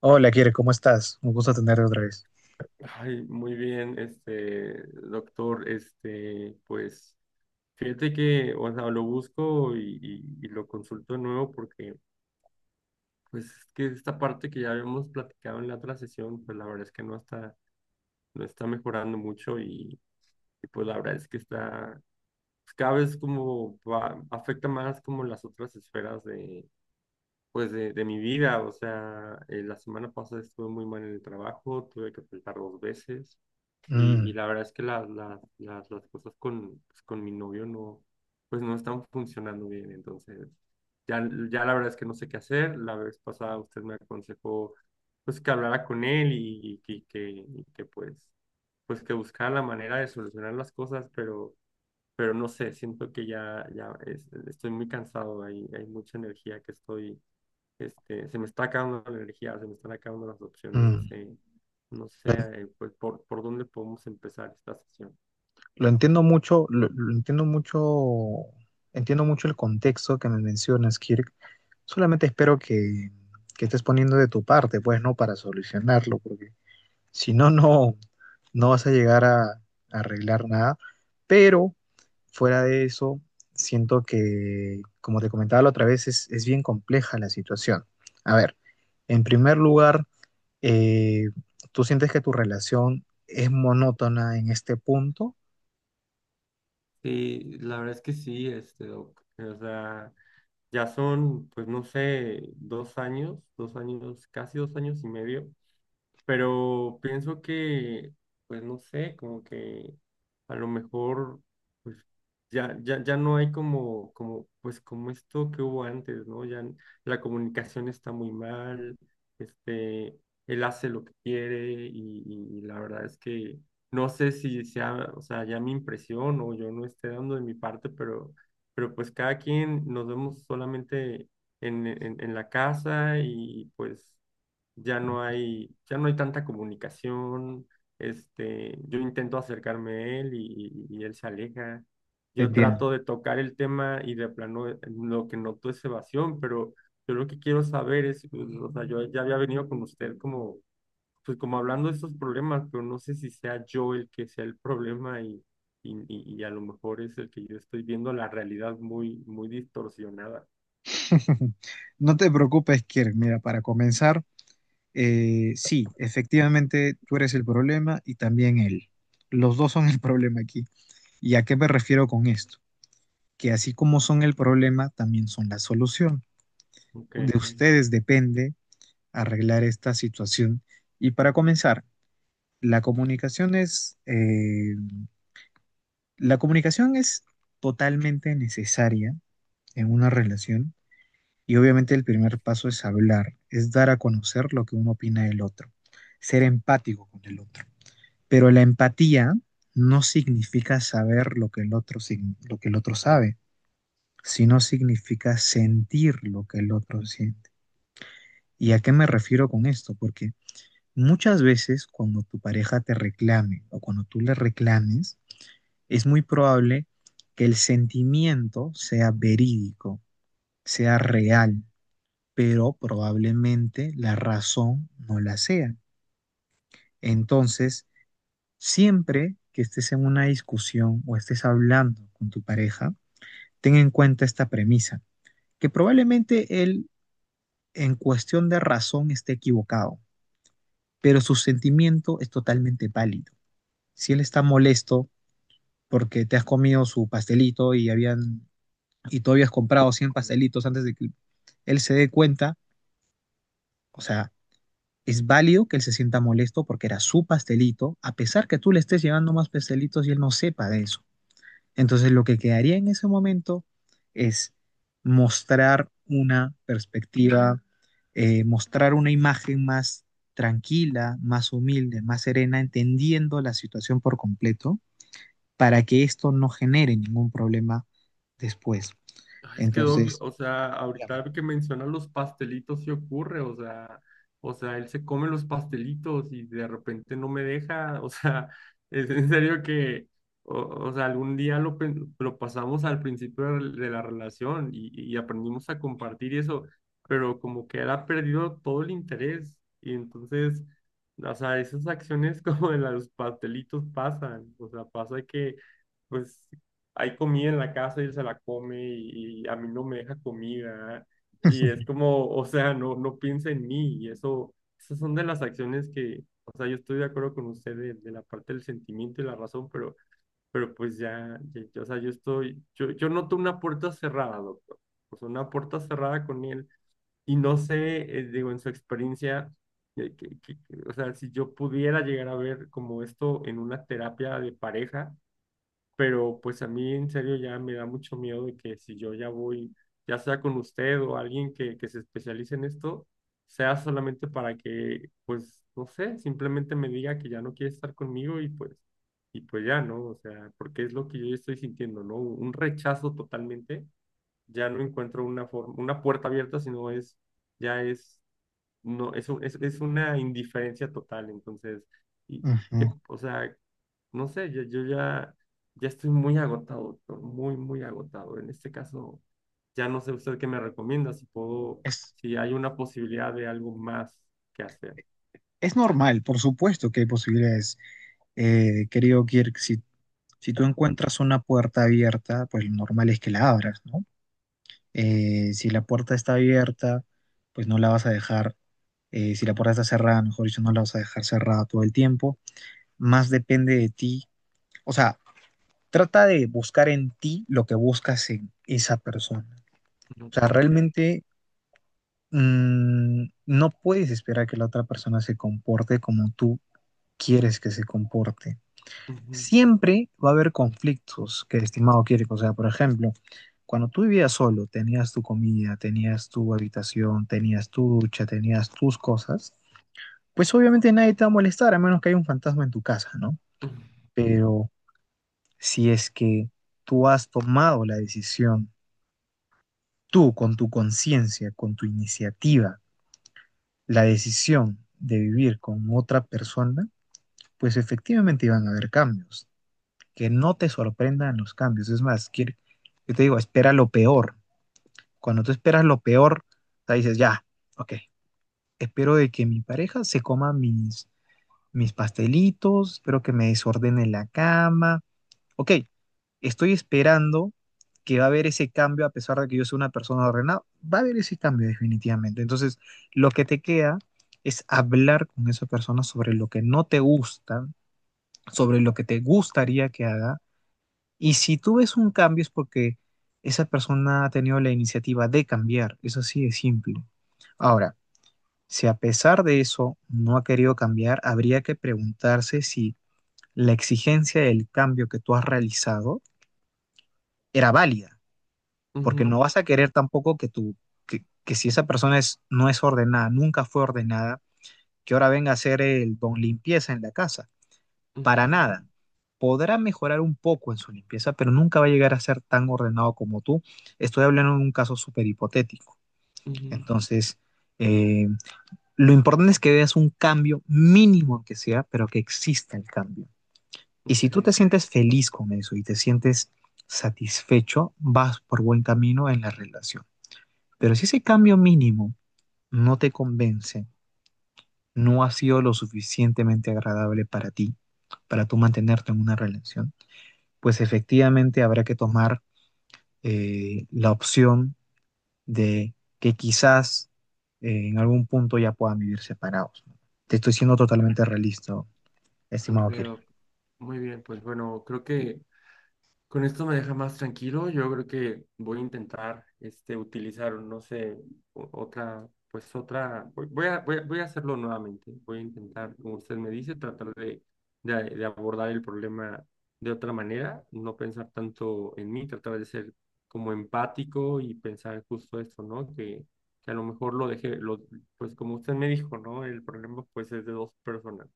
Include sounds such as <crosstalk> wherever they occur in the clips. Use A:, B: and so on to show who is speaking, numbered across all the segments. A: Hola, Kire, ¿cómo estás? Un gusto tenerte otra vez.
B: Ay, muy bien, doctor, pues, fíjate que, o sea, lo busco y lo consulto de nuevo porque, pues, es que esta parte que ya habíamos platicado en la otra sesión, pues, la verdad es que no no está mejorando mucho y, pues, la verdad es que está, pues, cada vez como afecta más como las otras esferas de, pues, de mi vida, o sea, la semana pasada estuve muy mal en el trabajo, tuve que faltar dos veces.
A: Mm.
B: Y la verdad es que las cosas con, pues, con mi novio no, pues no están funcionando bien. Entonces, ya la verdad es que no sé qué hacer. La vez pasada usted me aconsejó pues que hablara con él y y que pues, pues que buscara la manera de solucionar las cosas, pero no sé, siento que ya, estoy muy cansado. Hay mucha energía que estoy este, se me está acabando la energía, se me están acabando las opciones, no
A: Mm.
B: sé, no sé,
A: Lo, en-
B: pues por dónde podemos empezar esta sesión.
A: lo entiendo mucho, lo entiendo mucho el contexto que me mencionas, Kirk. Solamente espero que estés poniendo de tu parte, pues, ¿no? Para solucionarlo, porque si no, no, no vas a llegar a arreglar nada. Pero fuera de eso, siento que, como te comentaba la otra vez, es bien compleja la situación. A ver, en primer lugar. eh, ¿Tú sientes que tu relación es monótona en este punto?
B: Sí, la verdad es que sí, este, doc. O sea, ya son, pues no sé, dos años, casi dos años y medio pero pienso que, pues no sé, como que a lo mejor, pues ya no hay como, como, pues como esto que hubo antes, ¿no? La comunicación está muy mal, este, él hace lo que quiere y la verdad es que no sé si sea, o sea, ya mi impresión o yo no esté dando de mi parte, pero pues cada quien nos vemos solamente en la casa y pues ya no ya no hay tanta comunicación, este, yo intento acercarme a él y él se aleja.
A: Te
B: Yo
A: entiendo.
B: trato de tocar el tema y de plano lo que noto es evasión, pero yo lo que quiero saber es, pues, o sea, yo ya había venido con usted como, pues como hablando de estos problemas, pero no sé si sea yo el que sea el problema y, y a lo mejor es el que yo estoy viendo la realidad muy, muy distorsionada.
A: <laughs> No te preocupes, Kirk. Mira, para comenzar, sí, efectivamente tú eres el problema y también él. Los dos son el <laughs> problema aquí. ¿Y a qué me refiero con esto? Que así como son el problema, también son la solución.
B: Ok.
A: De ustedes depende arreglar esta situación. Y para comenzar, la comunicación es eh, La comunicación es totalmente necesaria en una relación y obviamente el primer paso es hablar, es dar a conocer lo que uno opina del otro, ser empático con el otro. Pero la empatía no significa saber lo que el otro, lo que el otro sabe, sino significa sentir lo que el otro siente. ¿Y a qué me refiero con esto? Porque muchas veces cuando tu pareja te reclame o cuando tú le reclames, es muy probable que el sentimiento sea verídico, sea real, pero probablemente la razón no la sea. Entonces, siempre que estés en una discusión o estés hablando con tu pareja, ten en cuenta esta premisa, que probablemente él en cuestión de razón esté equivocado, pero su sentimiento es totalmente válido. Si él está molesto porque te has comido su pastelito y tú habías comprado 100 pastelitos antes de que él se dé cuenta, o sea, es válido que él se sienta molesto porque era su pastelito, a pesar que tú le estés llevando más pastelitos y él no sepa de eso. Entonces lo que quedaría en ese momento es mostrar una perspectiva, mostrar una imagen más tranquila, más humilde, más serena, entendiendo la situación por completo para que esto no genere ningún problema después.
B: Ay, es que Doc,
A: Entonces,
B: o sea, ahorita que menciona los pastelitos sí ocurre, o sea, él se come los pastelitos y de repente no me deja, <laughs> o sea, es en serio que, o sea, algún día lo pasamos al principio de la relación y aprendimos a compartir y eso, pero como que él ha perdido todo el interés y entonces, o sea, esas acciones <laughs> como de los pastelitos pasan, o sea, pasa que… Pues hay comida en la casa y él se la come y a mí no me deja comida. Y es como, o sea, no, no piensa en mí. Y eso, esas son de las acciones que, o sea, yo estoy de acuerdo con usted de la parte del sentimiento y la razón, pero pues o sea, yo noto una puerta cerrada, doctor. O sea, una puerta cerrada con él. Y no sé, digo, en su experiencia, o sea, si yo pudiera llegar a ver como esto en una terapia de pareja pero pues a mí en serio ya me da mucho miedo de que si yo ya voy, ya sea con usted o alguien que se especialice en esto, sea solamente para que, pues, no sé, simplemente me diga que ya no quiere estar conmigo y pues ya, ¿no? O sea, porque es lo que yo ya estoy sintiendo, ¿no? Un rechazo totalmente, ya no encuentro una forma, una puerta abierta, sino es, ya es, no, es una indiferencia total, entonces, y
A: uh -huh,
B: que, o sea, no sé, yo ya, ya estoy muy agotado, doctor, muy, muy agotado. En este caso, ya no sé usted qué me recomienda, si puedo,
A: es,
B: si hay una posibilidad de algo más que hacer.
A: Es normal, por supuesto que hay posibilidades. Querido Kirk, si, si tú encuentras una puerta abierta, pues lo normal es que la abras, ¿no? Si la puerta está abierta, pues no la vas a dejar. Si la puerta está cerrada, mejor dicho, no la vas a dejar cerrada todo el tiempo. Más depende de ti. O sea, trata de buscar en ti lo que buscas en esa persona. O
B: Ok.
A: sea, realmente no puedes esperar que la otra persona se comporte como tú quieres que se comporte.
B: Ujú,
A: Siempre va a haber conflictos que el estimado quiere. O sea, por ejemplo, cuando tú vivías solo, tenías tu comida, tenías tu habitación, tenías tu ducha, tenías tus cosas, pues obviamente nadie te va a molestar, a menos que haya un fantasma en tu casa, ¿no? Pero si es que tú has tomado la decisión, tú con tu conciencia, con tu iniciativa, la decisión de vivir con otra persona, pues efectivamente iban a haber cambios. Que no te sorprendan los cambios. Es más, yo te digo, espera lo peor. Cuando tú esperas lo peor, o sea, dices, ya, ok, espero de que mi pareja se coma mis pastelitos, espero que me desordene la cama. Ok, estoy esperando que va a haber ese cambio, a pesar de que yo soy una persona ordenada, va a haber ese cambio definitivamente. Entonces, lo que te queda es hablar con esa persona sobre lo que no te gusta, sobre lo que te gustaría que haga y si tú ves un cambio es porque esa persona ha tenido la iniciativa de cambiar, eso sí es simple. Ahora, si a pesar de eso no ha querido cambiar, habría que preguntarse si la exigencia del cambio que tú has realizado era válida, porque no
B: ujú,
A: vas a querer tampoco que tú, que si esa persona no es ordenada, nunca fue ordenada, que ahora venga a ser el don limpieza en la casa. Para
B: ujú, ujú,
A: nada. Podrá mejorar un poco en su limpieza, pero nunca va a llegar a ser tan ordenado como tú. Estoy hablando de un caso súper hipotético.
B: ujú.
A: Entonces, eh, lo importante es que veas un cambio mínimo que sea, pero que exista el cambio. Y si
B: Ok,
A: tú te sientes feliz con eso y te sientes satisfecho, vas por buen camino en la relación. Pero si ese cambio mínimo no te convence, no ha sido lo suficientemente agradable para ti, para tú mantenerte en una relación, pues efectivamente habrá que tomar la opción de que quizás en algún punto ya puedan vivir separados. Te estoy siendo
B: ok,
A: totalmente realista,
B: ok,
A: estimado Kirk.
B: doc. Muy bien, pues bueno, creo que con esto me deja más tranquilo. Yo creo que voy a intentar este, utilizar, no sé, otra, voy a hacerlo nuevamente. Voy a intentar, como usted me dice, tratar de, de abordar el problema de otra manera, no pensar tanto en mí, tratar de ser como empático y pensar justo esto, ¿no? Que a lo mejor pues como usted me dijo, ¿no? El problema pues es de dos personas.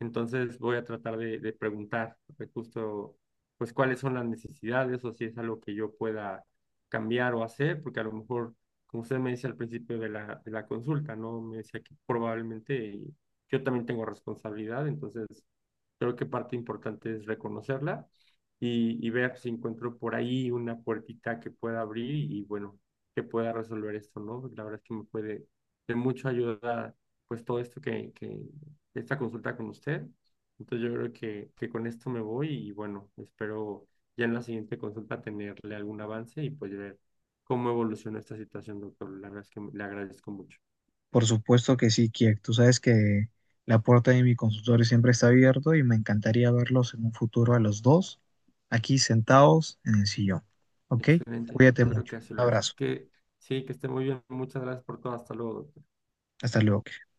B: Entonces voy a tratar de preguntar justo, pues cuáles son las necesidades o si es algo que yo pueda cambiar o hacer, porque a lo mejor, como usted me dice al principio de de la consulta, ¿no? Me decía que probablemente yo también tengo responsabilidad, entonces creo que parte importante es reconocerla y ver si encuentro por ahí una puertita que pueda abrir y, bueno, que pueda resolver esto, ¿no? La verdad es que me puede de mucho ayuda, pues todo esto que esta consulta con usted. Entonces yo creo que con esto me voy y bueno, espero ya en la siguiente consulta tenerle algún avance y pues ver cómo evoluciona esta situación, doctor. La verdad es que le agradezco mucho.
A: Por supuesto que sí, Kirk. Tú sabes que la puerta de mi consultorio siempre está abierta y me encantaría verlos en un futuro a los dos aquí sentados en el sillón. ¿Ok?
B: Excelente,
A: Cuídate
B: yo creo
A: mucho.
B: que
A: Un
B: así lo haremos.
A: abrazo.
B: Que sí, que esté muy bien. Muchas gracias por todo. Hasta luego, doctor.
A: Hasta luego, Kirk.